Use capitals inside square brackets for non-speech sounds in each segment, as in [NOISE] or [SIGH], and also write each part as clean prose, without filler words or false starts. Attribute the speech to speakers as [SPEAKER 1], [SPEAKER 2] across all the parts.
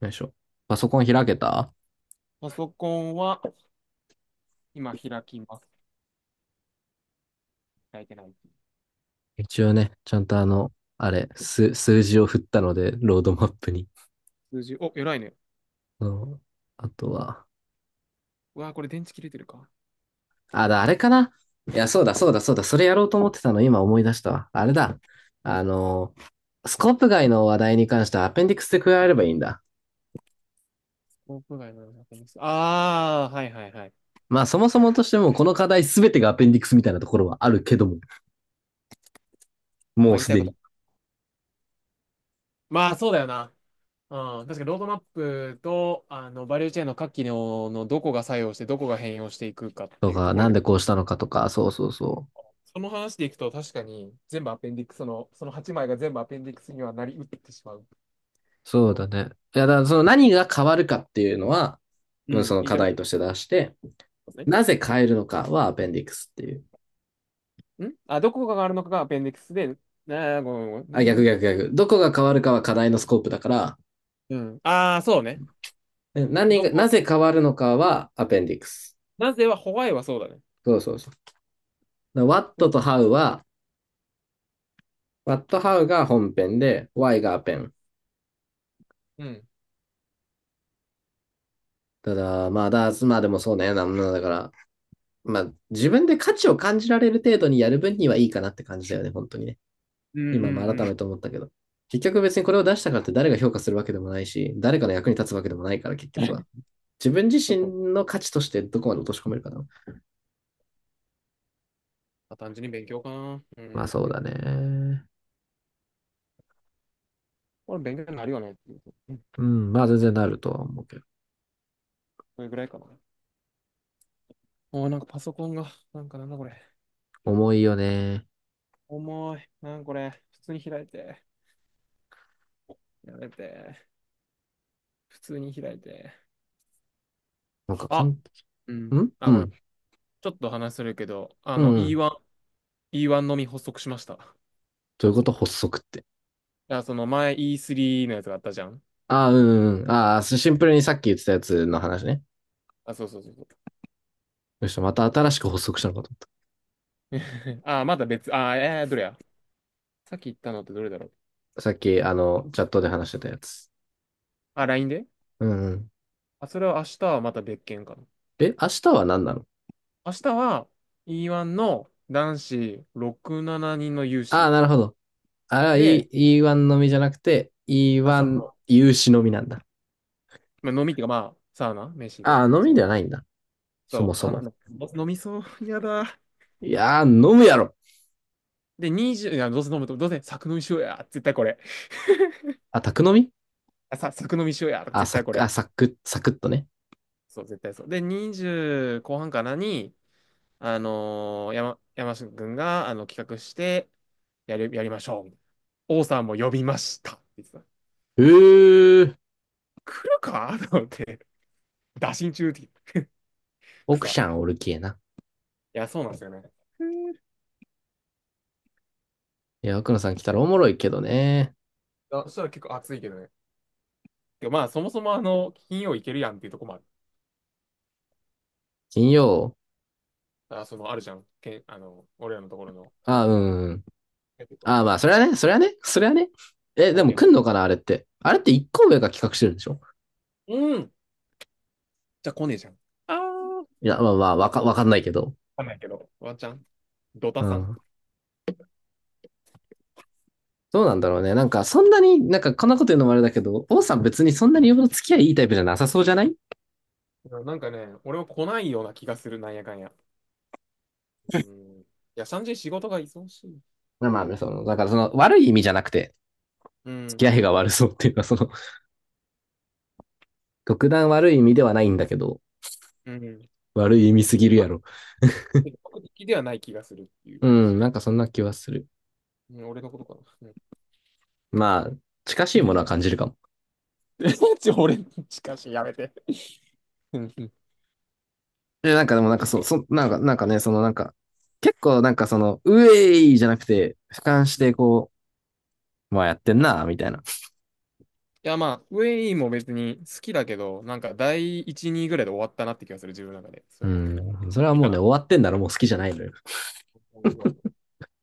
[SPEAKER 1] よいしょ。パソコン開けた。
[SPEAKER 2] パソコンは今開きます。開いてない。
[SPEAKER 1] 一応ね、ちゃんとあれ、数、数字を振ったので、ロードマップに。
[SPEAKER 2] 数字、お、偉いね。
[SPEAKER 1] あのあとは、
[SPEAKER 2] うわー、これ電池切れてるか。
[SPEAKER 1] あれかな。いや、そうだ、そうだ、そうだ、それやろうと思ってたの、今思い出したわ。あれだ。あの、スコープ外の話題に関してはアペンディクスで加えればいいんだ。
[SPEAKER 2] スコープ外の確認。ああ、はいはいはい。
[SPEAKER 1] まあ、そもそもとしても、この課題すべてがアペンディクスみたいなところはあるけども、
[SPEAKER 2] ま
[SPEAKER 1] も
[SPEAKER 2] あ
[SPEAKER 1] う
[SPEAKER 2] 言い
[SPEAKER 1] す
[SPEAKER 2] たい
[SPEAKER 1] で
[SPEAKER 2] こ
[SPEAKER 1] に。
[SPEAKER 2] と。まあそうだよな。うん、確かにロードマップとバリューチェーンの各機能のどこが作用してどこが変容していくかって
[SPEAKER 1] と
[SPEAKER 2] いうと
[SPEAKER 1] か、
[SPEAKER 2] ころ
[SPEAKER 1] なん
[SPEAKER 2] で、
[SPEAKER 1] でこうしたのかとか、そうそうそう。
[SPEAKER 2] その話でいくと確かに全部アペンディックスの、その8枚が全部アペンディックスにはなりうってしまうと
[SPEAKER 1] そ
[SPEAKER 2] こ
[SPEAKER 1] うだ
[SPEAKER 2] ろ。
[SPEAKER 1] ね。いや、だからその何が変わるかっていうのは、
[SPEAKER 2] う
[SPEAKER 1] うん、
[SPEAKER 2] ん、
[SPEAKER 1] その
[SPEAKER 2] 言い
[SPEAKER 1] 課
[SPEAKER 2] たいこ
[SPEAKER 1] 題として出して、
[SPEAKER 2] とで
[SPEAKER 1] な
[SPEAKER 2] す
[SPEAKER 1] ぜ変えるのかはアペンディクスっていう。
[SPEAKER 2] ね。どこがあるのかがアペンディックスで、なあ、ごめんごめん、
[SPEAKER 1] あ、
[SPEAKER 2] 何
[SPEAKER 1] 逆
[SPEAKER 2] が。
[SPEAKER 1] 逆逆。どこが変わるかは課題のスコープだから、
[SPEAKER 2] うん。ああ、そうね。
[SPEAKER 1] うん、
[SPEAKER 2] ど
[SPEAKER 1] な
[SPEAKER 2] こ、
[SPEAKER 1] ぜ変わるのかはアペンディクス。
[SPEAKER 2] なぜはホワイはそうだね。
[SPEAKER 1] そうそうそう。
[SPEAKER 2] うん
[SPEAKER 1] What how が本編で、why がアペン。
[SPEAKER 2] うん。
[SPEAKER 1] ただ、まあ、まあでもそうね。なだから、まあ、自分で価値を感じられる程度にやる分にはいいかなって感じだよね、本当にね。
[SPEAKER 2] うんうん
[SPEAKER 1] 今も
[SPEAKER 2] う
[SPEAKER 1] 改
[SPEAKER 2] ん。
[SPEAKER 1] めて思ったけど。結局別にこれを出したからって誰が評価するわけでもないし、誰かの役に立つわけでもないから、結局は。
[SPEAKER 2] [LAUGHS]
[SPEAKER 1] 自分自
[SPEAKER 2] ちょっと、
[SPEAKER 1] 身の価値としてどこまで落とし込めるかな。
[SPEAKER 2] まあ単純に勉強かな。う
[SPEAKER 1] まあ
[SPEAKER 2] ん。
[SPEAKER 1] そうだね。
[SPEAKER 2] これ勉強になるよねっていう。うん。
[SPEAKER 1] うん、まあ全然なるとは思うけど。
[SPEAKER 2] それぐらいかな。おー、なんかパソコンが、なんかなんだこれ。
[SPEAKER 1] 重いよね。
[SPEAKER 2] 重い。なんこれ。普通に開いて。やめて。普通に開いて。
[SPEAKER 1] なんかかん、
[SPEAKER 2] あ、
[SPEAKER 1] ん
[SPEAKER 2] うん。
[SPEAKER 1] うん、う
[SPEAKER 2] あ、ごめん。
[SPEAKER 1] ん、
[SPEAKER 2] ちょっと話するけど、
[SPEAKER 1] うん。
[SPEAKER 2] E1 のみ発足しました。い
[SPEAKER 1] どういうこと発足って。
[SPEAKER 2] や、その前 E3 のやつがあったじゃん。
[SPEAKER 1] ああ、うん、うん。ああ、シンプルにさっき言ってたやつの話ね。
[SPEAKER 2] あ、そうそうそうそう。
[SPEAKER 1] よし、また新しく発足したのかと思っ
[SPEAKER 2] [LAUGHS] あ、まだ別、あ、どれや。さっき言ったのってどれだろう。
[SPEAKER 1] た。さっき、チャットで話してたやつ。
[SPEAKER 2] あ、LINE で、
[SPEAKER 1] うん、うん。
[SPEAKER 2] あ、それは明日はまた別件かな。
[SPEAKER 1] え、明日は何なの？
[SPEAKER 2] 明日は E1 の男子6、7人の有
[SPEAKER 1] あ
[SPEAKER 2] 志
[SPEAKER 1] あ、なるほど。ああ、
[SPEAKER 2] で、
[SPEAKER 1] 1のみじゃなくて、
[SPEAKER 2] あ、そう
[SPEAKER 1] E1
[SPEAKER 2] そ
[SPEAKER 1] 有志のみなんだ。
[SPEAKER 2] う、まあ、飲みっていうかまあ、サウナ、飯
[SPEAKER 1] ああ、
[SPEAKER 2] と。
[SPEAKER 1] 飲み
[SPEAKER 2] そ
[SPEAKER 1] で
[SPEAKER 2] う。
[SPEAKER 1] はないんだ。そ
[SPEAKER 2] そ
[SPEAKER 1] も
[SPEAKER 2] う、
[SPEAKER 1] そ
[SPEAKER 2] かな、
[SPEAKER 1] も。
[SPEAKER 2] どうせ飲みそう、やだ。
[SPEAKER 1] いやー、飲むやろ。
[SPEAKER 2] で、20、いや、どうせ飲むと、どうせ作飲みしようや、絶対これ。
[SPEAKER 1] あ、宅飲み。
[SPEAKER 2] 作飲みしようや、
[SPEAKER 1] あ、
[SPEAKER 2] 絶
[SPEAKER 1] サ
[SPEAKER 2] 対こ
[SPEAKER 1] ク、
[SPEAKER 2] れ。
[SPEAKER 1] あ、サク、サクッとね。
[SPEAKER 2] そう、絶対そう。で、20後半かなに、山下くんが、企画して、やりましょう。王さんも呼びました、って言ってた。
[SPEAKER 1] うー、
[SPEAKER 2] 来るかと思って、[LAUGHS] 打診中って
[SPEAKER 1] 奥
[SPEAKER 2] 草。
[SPEAKER 1] さ
[SPEAKER 2] い
[SPEAKER 1] んおるきえな。
[SPEAKER 2] や、そうなんですよね。[LAUGHS]
[SPEAKER 1] いや、奥野さん来たらおもろいけどね。
[SPEAKER 2] あ、そしたら結構暑いけどね。でまあ、そもそも金曜行けるやんっていうとこもある。
[SPEAKER 1] 金曜。
[SPEAKER 2] あ、その、あるじゃん。けんあの、俺らのところの飲
[SPEAKER 1] あ、
[SPEAKER 2] みが。
[SPEAKER 1] うん。あ、まあ、それはね、それはね、それはね。え、
[SPEAKER 2] あ
[SPEAKER 1] で
[SPEAKER 2] る
[SPEAKER 1] も
[SPEAKER 2] け
[SPEAKER 1] 来
[SPEAKER 2] ど。
[SPEAKER 1] んのかな、あれって。あれって一個上が企画してるんでしょ？
[SPEAKER 2] うん。じゃあ来ねえじゃん。あー。わ
[SPEAKER 1] いや、まあまあ、わかんないけど。
[SPEAKER 2] かんないけど。ワンちゃん、ド
[SPEAKER 1] う
[SPEAKER 2] タさん。
[SPEAKER 1] ん。どうなんだろうね。なんか、そんなに、なんか、こんなこと言うのもあれだけど、王さん別にそんなによほど付き合いいいタイプじゃなさそうじゃない？
[SPEAKER 2] なんかね、俺は来ないような気がする、なんやかんや。うん。いや、シャンジー仕事が忙しい。
[SPEAKER 1] まあまあね、その、だからその、悪い意味じゃなくて、
[SPEAKER 2] う
[SPEAKER 1] 付き
[SPEAKER 2] ん。
[SPEAKER 1] 合いが悪そうっていうか、その、特段悪い意味ではないんだけど、
[SPEAKER 2] うん。
[SPEAKER 1] 悪い意味すぎるやろ。
[SPEAKER 2] 積的ではない気がするっていう
[SPEAKER 1] うん、
[SPEAKER 2] 話。
[SPEAKER 1] なんかそんな気はする。
[SPEAKER 2] うん、俺のことかな。
[SPEAKER 1] まあ、近し
[SPEAKER 2] う
[SPEAKER 1] いものは
[SPEAKER 2] ん。 [LAUGHS]
[SPEAKER 1] 感じるかも。
[SPEAKER 2] [LAUGHS] 俺に近しい、やめて。うんうん。
[SPEAKER 1] で、なんかでもなんかそう、なんか、なんかね、そのなんか、結構なんかその、うえいじゃなくて、俯瞰してこう、まあやってんな、みたいな。
[SPEAKER 2] いや、まあ、ウェイも別に好きだけど、なんか第1、2ぐらいで終わったなって気がする、自分の中で。
[SPEAKER 1] う
[SPEAKER 2] そういうの、
[SPEAKER 1] ん、
[SPEAKER 2] も
[SPEAKER 1] それは
[SPEAKER 2] う、いい
[SPEAKER 1] もう
[SPEAKER 2] か
[SPEAKER 1] ね、
[SPEAKER 2] な。
[SPEAKER 1] 終わってんだろ、もう好きじゃないのよ。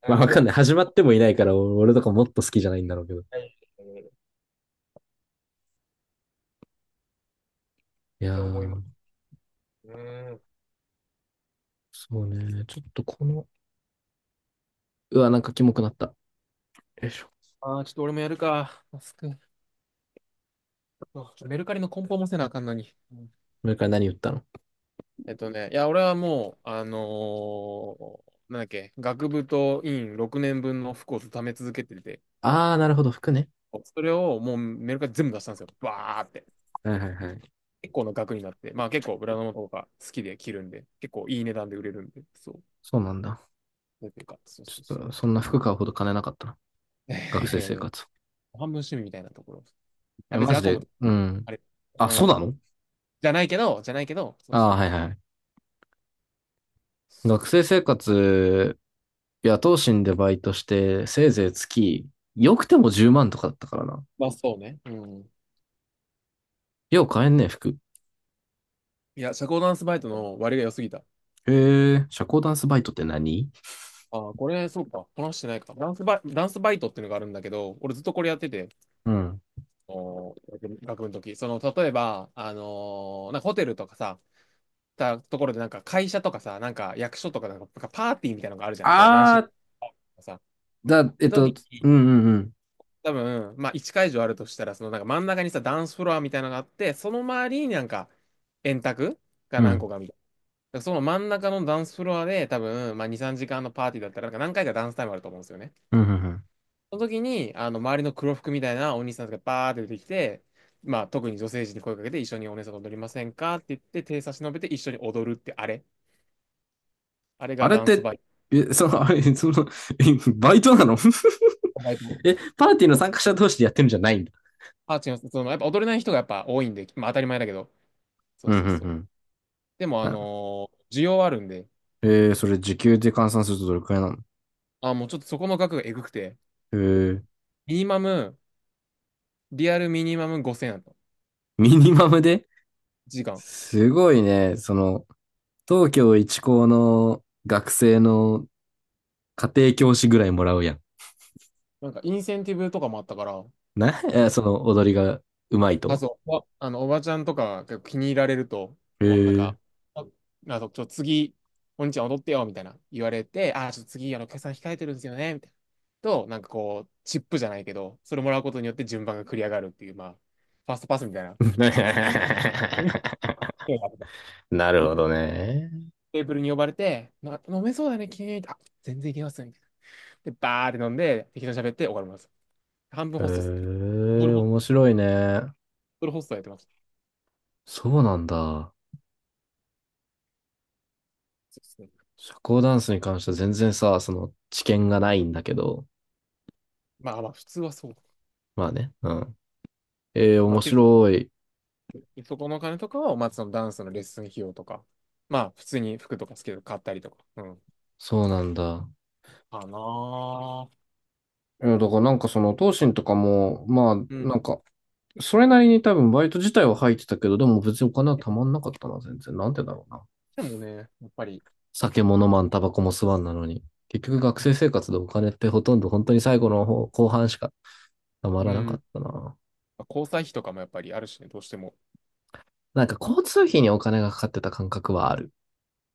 [SPEAKER 2] な
[SPEAKER 1] ま
[SPEAKER 2] ん
[SPEAKER 1] あ
[SPEAKER 2] か
[SPEAKER 1] わか
[SPEAKER 2] も
[SPEAKER 1] ん
[SPEAKER 2] う
[SPEAKER 1] ない。
[SPEAKER 2] 次、
[SPEAKER 1] 始まってもいないから、俺とかもっと好きじゃないんだろうけど。
[SPEAKER 2] はいっ
[SPEAKER 1] いや
[SPEAKER 2] て思いま
[SPEAKER 1] ー、
[SPEAKER 2] す。うーん。
[SPEAKER 1] そうね。ちょっとこの、うわ、なんかキモくなった。よいしょ。
[SPEAKER 2] ああ、ちょっと俺もやるか。マスク。ちょっとメルカリの梱包もせなあかんのに。うん。
[SPEAKER 1] これから何言ったの？
[SPEAKER 2] いや、俺はもう、なんだっけ、学部と院6年分の服を貯め続けてて、
[SPEAKER 1] あー、なるほど、服ね。
[SPEAKER 2] それをもうメルカリ全部出したんですよ。バーって。
[SPEAKER 1] はいはいはい。
[SPEAKER 2] 結構の額になって、まあ結構ブランドの方が好きで着るんで、結構いい値段で売れるんで、そう。
[SPEAKER 1] そうなんだ。
[SPEAKER 2] なんていうか、そうそ
[SPEAKER 1] ち
[SPEAKER 2] う
[SPEAKER 1] ょっ
[SPEAKER 2] そう。
[SPEAKER 1] と、そんな服買うほど金なかったな。
[SPEAKER 2] いや
[SPEAKER 1] 学
[SPEAKER 2] いやい
[SPEAKER 1] 生生
[SPEAKER 2] やいや、
[SPEAKER 1] 活。
[SPEAKER 2] 半分趣味みたいなところ。あ、
[SPEAKER 1] え、
[SPEAKER 2] 別
[SPEAKER 1] マ
[SPEAKER 2] に
[SPEAKER 1] ジ
[SPEAKER 2] アコム
[SPEAKER 1] で、
[SPEAKER 2] と、
[SPEAKER 1] うん。
[SPEAKER 2] あれ、
[SPEAKER 1] あ、
[SPEAKER 2] う
[SPEAKER 1] そうな
[SPEAKER 2] ん。
[SPEAKER 1] の？
[SPEAKER 2] じゃないけど、じゃないけど、そうそ
[SPEAKER 1] あ
[SPEAKER 2] う。
[SPEAKER 1] ー、はいはい。
[SPEAKER 2] そう
[SPEAKER 1] 学
[SPEAKER 2] そうそ
[SPEAKER 1] 生生
[SPEAKER 2] う。
[SPEAKER 1] 活、野党心でバイトして、せいぜい月、よくても10万とかだったからな。
[SPEAKER 2] まあそうね。うん。
[SPEAKER 1] よう買えんね、服。
[SPEAKER 2] いや、社交ダンスバイトの割が良すぎた。
[SPEAKER 1] へえ、社交ダンスバイトって何？
[SPEAKER 2] ああ、これ、そうか、こなしてないか。ダンスバイトっていうのがあるんだけど、俺ずっとこれやってて、
[SPEAKER 1] うん。
[SPEAKER 2] 学部の時。その、例えば、なんかホテルとかさ、たところで、なんか会社とかさ、なんか役所とかなんか、なんかパーティーみたいなのがあるじゃん。こう、何
[SPEAKER 1] あ
[SPEAKER 2] 種類
[SPEAKER 1] ー、
[SPEAKER 2] かさ。
[SPEAKER 1] だ、え
[SPEAKER 2] で、
[SPEAKER 1] っ
[SPEAKER 2] 時
[SPEAKER 1] と、
[SPEAKER 2] に、
[SPEAKER 1] うんうん
[SPEAKER 2] 多分、まあ、1会場あるとしたら、そのなんか真ん中にさ、ダンスフロアみたいなのがあって、その周りになんか、円卓が
[SPEAKER 1] うん。う
[SPEAKER 2] 何
[SPEAKER 1] ん。
[SPEAKER 2] 個かみたいな。だからその真ん中のダンスフロアで、多分、まあ、2、3時間のパーティーだったら、なんか何回かダンスタイムあると思うんですよね。
[SPEAKER 1] うんうんうん。
[SPEAKER 2] その時に、周りの黒服みたいなお兄さんがバーって出てきて、まあ、特に女性陣に声かけて、一緒にお姉さんと踊りませんかって言って、手差し伸べて一緒に踊るってあれ。あれ
[SPEAKER 1] あ
[SPEAKER 2] が
[SPEAKER 1] れっ
[SPEAKER 2] ダンス
[SPEAKER 1] て、
[SPEAKER 2] バイ
[SPEAKER 1] え、その、[LAUGHS] あれ、その、[LAUGHS] えバイトなの？
[SPEAKER 2] ト。
[SPEAKER 1] [LAUGHS] え、パーティーの参加者同士でやってるんじゃないんだ。
[SPEAKER 2] あ、違います。その、やっぱ踊れない人がやっぱ多いんで、まあ当たり前だけど。そう
[SPEAKER 1] うん
[SPEAKER 2] そう
[SPEAKER 1] うん
[SPEAKER 2] そ
[SPEAKER 1] う
[SPEAKER 2] う。
[SPEAKER 1] ん。
[SPEAKER 2] でも、
[SPEAKER 1] なるほど。
[SPEAKER 2] 需要あるんで、
[SPEAKER 1] それ時給で換算するとどれくらいなの？
[SPEAKER 2] あ、もうちょっとそこの額がえぐくて、
[SPEAKER 1] えー、
[SPEAKER 2] ミニマム、リアルミニマム5000円だった。
[SPEAKER 1] ミニマムで？
[SPEAKER 2] 時間。
[SPEAKER 1] すごいね。その、東京一高の学生の家庭教師ぐらいもらうやん。
[SPEAKER 2] なんかインセンティブとかもあったから、
[SPEAKER 1] な、え
[SPEAKER 2] そ
[SPEAKER 1] ーそ
[SPEAKER 2] の、
[SPEAKER 1] の踊りがうまい
[SPEAKER 2] あ、
[SPEAKER 1] と？
[SPEAKER 2] そう、おばちゃんとかが結構気に入られると、
[SPEAKER 1] え
[SPEAKER 2] このなん
[SPEAKER 1] ー。
[SPEAKER 2] か、あ、あそうちょ、次、お兄ちゃん踊ってよ、みたいな言われて、あ、ちょっと次、決算控えてるんですよね、みたいな。と、なんかこう、チップじゃないけど、それもらうことによって順番が繰り上がるっていう、まあ、ファーストパスみたいな。
[SPEAKER 1] [LAUGHS] なるほどね。
[SPEAKER 2] テーブルに呼ばれて、飲めそうだね、君。あ、全然いけますね。で、バーって飲んで、適当に喋って終わります。半分
[SPEAKER 1] へ
[SPEAKER 2] ホストですね。ドル
[SPEAKER 1] え、
[SPEAKER 2] ホ
[SPEAKER 1] 面白いね。
[SPEAKER 2] ドルホストやってます。
[SPEAKER 1] そうなんだ。
[SPEAKER 2] そうですね。
[SPEAKER 1] 社交ダンスに関しては全然さ、その知見がないんだけど。
[SPEAKER 2] まあまあ、普通はそう。
[SPEAKER 1] まあね。うん。ええ、
[SPEAKER 2] まあ、
[SPEAKER 1] 面白い。
[SPEAKER 2] そこのお金とかは、まあ、そのダンスのレッスン費用とか、まあ、普通に服とかスケート買ったりとか、うん。
[SPEAKER 1] そうなんだ。
[SPEAKER 2] かなあ。
[SPEAKER 1] いやだからなんかその、東進とかも、まあ、
[SPEAKER 2] うん。
[SPEAKER 1] なんか、それなりに多分バイト自体は入ってたけど、でも別にお金はたまんなかったな、全然。なんでだろうな。
[SPEAKER 2] でもね、やっぱり、
[SPEAKER 1] 酒も飲まん、タバコも吸わんなのに。結局学生生活でお金ってほとんど本当に最後の方、後半しかたま
[SPEAKER 2] う
[SPEAKER 1] らなか
[SPEAKER 2] ん。
[SPEAKER 1] ったな。
[SPEAKER 2] まあ交際費とかもやっぱりあるしね、どうしても。
[SPEAKER 1] なんか交通費にお金がかかってた感覚はある。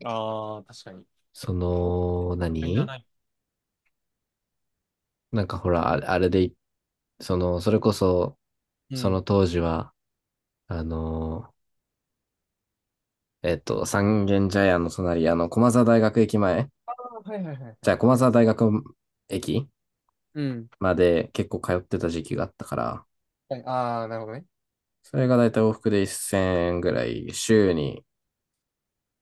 [SPEAKER 2] ああ、確かに。
[SPEAKER 1] そ
[SPEAKER 2] こう
[SPEAKER 1] の、
[SPEAKER 2] いうの買いなら
[SPEAKER 1] 何
[SPEAKER 2] ない。
[SPEAKER 1] なんかほら、あれでその、それこそ、
[SPEAKER 2] う
[SPEAKER 1] そ
[SPEAKER 2] ん。
[SPEAKER 1] の当時は、あの三軒茶屋の隣、駒沢大学駅前、
[SPEAKER 2] ああ、はいはいはいは
[SPEAKER 1] じゃ
[SPEAKER 2] い。
[SPEAKER 1] あ
[SPEAKER 2] あ
[SPEAKER 1] 駒
[SPEAKER 2] り
[SPEAKER 1] 沢
[SPEAKER 2] ます。
[SPEAKER 1] 大学駅
[SPEAKER 2] うん。
[SPEAKER 1] まで結構通ってた時期があったから、
[SPEAKER 2] はい、ああ、なるほどね。
[SPEAKER 1] それがだいたい往復で1000円ぐらい、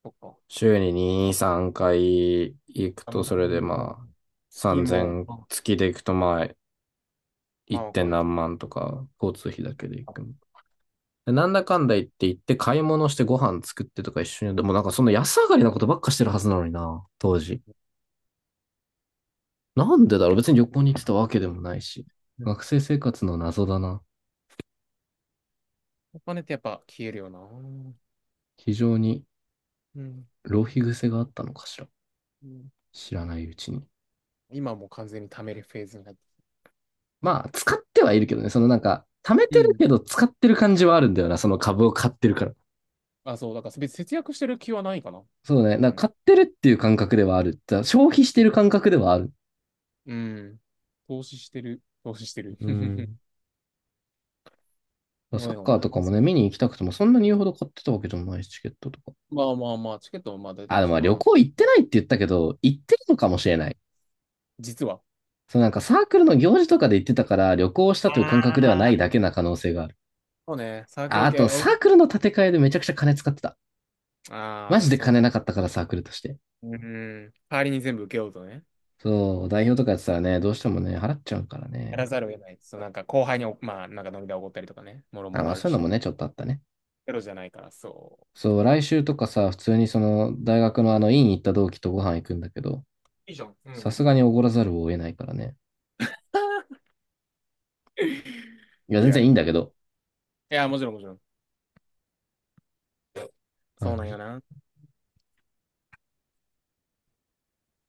[SPEAKER 2] そっか。
[SPEAKER 1] 週に2、3回行く
[SPEAKER 2] あ、
[SPEAKER 1] と、
[SPEAKER 2] もう、
[SPEAKER 1] それでまあ、
[SPEAKER 2] スキンも、
[SPEAKER 1] 3000、月で行くとまあ、
[SPEAKER 2] ま
[SPEAKER 1] 1.
[SPEAKER 2] あ、超
[SPEAKER 1] 点
[SPEAKER 2] えて。
[SPEAKER 1] 何万とか、交通費だけで行くの。
[SPEAKER 2] あ、
[SPEAKER 1] なんだかんだ言って行って買い物してご飯作ってとか一緒に、でもなんかそんな安上がりなことばっかしてるはずなのにな、当時。なんでだろう？別に旅行に行ってたわけでもないし。学生生活の謎だな。
[SPEAKER 2] お金ってやっぱ消えるよな。うん。
[SPEAKER 1] 非常に
[SPEAKER 2] う
[SPEAKER 1] 浪費癖があったのかしら。
[SPEAKER 2] ん。
[SPEAKER 1] 知らないうちに。
[SPEAKER 2] 今もう完全に貯めるフェーズになって。
[SPEAKER 1] まあ、使ってはいるけどね。そのなんか、貯め
[SPEAKER 2] う
[SPEAKER 1] てる
[SPEAKER 2] ん。
[SPEAKER 1] けど使ってる感じはあるんだよな。その株を買ってるから。
[SPEAKER 2] あ、そう、だから別に節約してる気はないかな。
[SPEAKER 1] そうね。
[SPEAKER 2] う
[SPEAKER 1] なん
[SPEAKER 2] ん。
[SPEAKER 1] か買ってるっていう感覚ではある。消費してる感覚ではある。
[SPEAKER 2] うん。投資してる。投資してる。
[SPEAKER 1] う
[SPEAKER 2] [LAUGHS]
[SPEAKER 1] ん。
[SPEAKER 2] ご
[SPEAKER 1] サ
[SPEAKER 2] め
[SPEAKER 1] ッ
[SPEAKER 2] んごめ
[SPEAKER 1] カ
[SPEAKER 2] ん。
[SPEAKER 1] ーとかもね、見に行きたくても、そんなに言うほど買ってたわけでもないし、チケットとか。
[SPEAKER 2] まあまあまあ、チケットもまあ大体
[SPEAKER 1] あ、でも
[SPEAKER 2] 1
[SPEAKER 1] まあ旅
[SPEAKER 2] 万。
[SPEAKER 1] 行行ってないって言ったけど、行ってるのかもしれない。
[SPEAKER 2] 実は。
[SPEAKER 1] そう、なんかサークルの行事とかで行ってたから、旅行した
[SPEAKER 2] あ
[SPEAKER 1] という感覚ではない
[SPEAKER 2] あ。
[SPEAKER 1] だけな可能性がある。
[SPEAKER 2] そうね、サーク
[SPEAKER 1] あ、
[SPEAKER 2] ル
[SPEAKER 1] あ
[SPEAKER 2] 系、
[SPEAKER 1] と、
[SPEAKER 2] 俺、
[SPEAKER 1] サークルの建て替えでめちゃくちゃ金使ってた。
[SPEAKER 2] ああ、
[SPEAKER 1] マジ
[SPEAKER 2] な
[SPEAKER 1] で
[SPEAKER 2] その
[SPEAKER 1] 金
[SPEAKER 2] た、
[SPEAKER 1] なかったからサークルとして。
[SPEAKER 2] うん。代わりに全部受けようとね。
[SPEAKER 1] そう、代表とかやってたらね、どうしてもね、払っちゃうから
[SPEAKER 2] やら
[SPEAKER 1] ね。
[SPEAKER 2] ざるを得ないです。そうなんか後輩にお、まあ、なんか飲み代おごったりとかね、もろ
[SPEAKER 1] あ、
[SPEAKER 2] も
[SPEAKER 1] ま
[SPEAKER 2] ろ
[SPEAKER 1] あ
[SPEAKER 2] ある
[SPEAKER 1] そういうのも
[SPEAKER 2] し、
[SPEAKER 1] ね、ちょっとあったね。
[SPEAKER 2] ゼロじゃないから、そ
[SPEAKER 1] そう、来週とかさ、普通にその、大学のあの、院行った同期とご飯行くんだけど、
[SPEAKER 2] う。いいじゃん。う
[SPEAKER 1] さす
[SPEAKER 2] ん。
[SPEAKER 1] がにおごらざるを得ないからね。
[SPEAKER 2] [LAUGHS]
[SPEAKER 1] いや、全
[SPEAKER 2] リア
[SPEAKER 1] 然い
[SPEAKER 2] ル
[SPEAKER 1] いんだ
[SPEAKER 2] だ。
[SPEAKER 1] けど、
[SPEAKER 2] いや、もちろんもちろん。そ
[SPEAKER 1] 感
[SPEAKER 2] うなんよ
[SPEAKER 1] じ
[SPEAKER 2] な。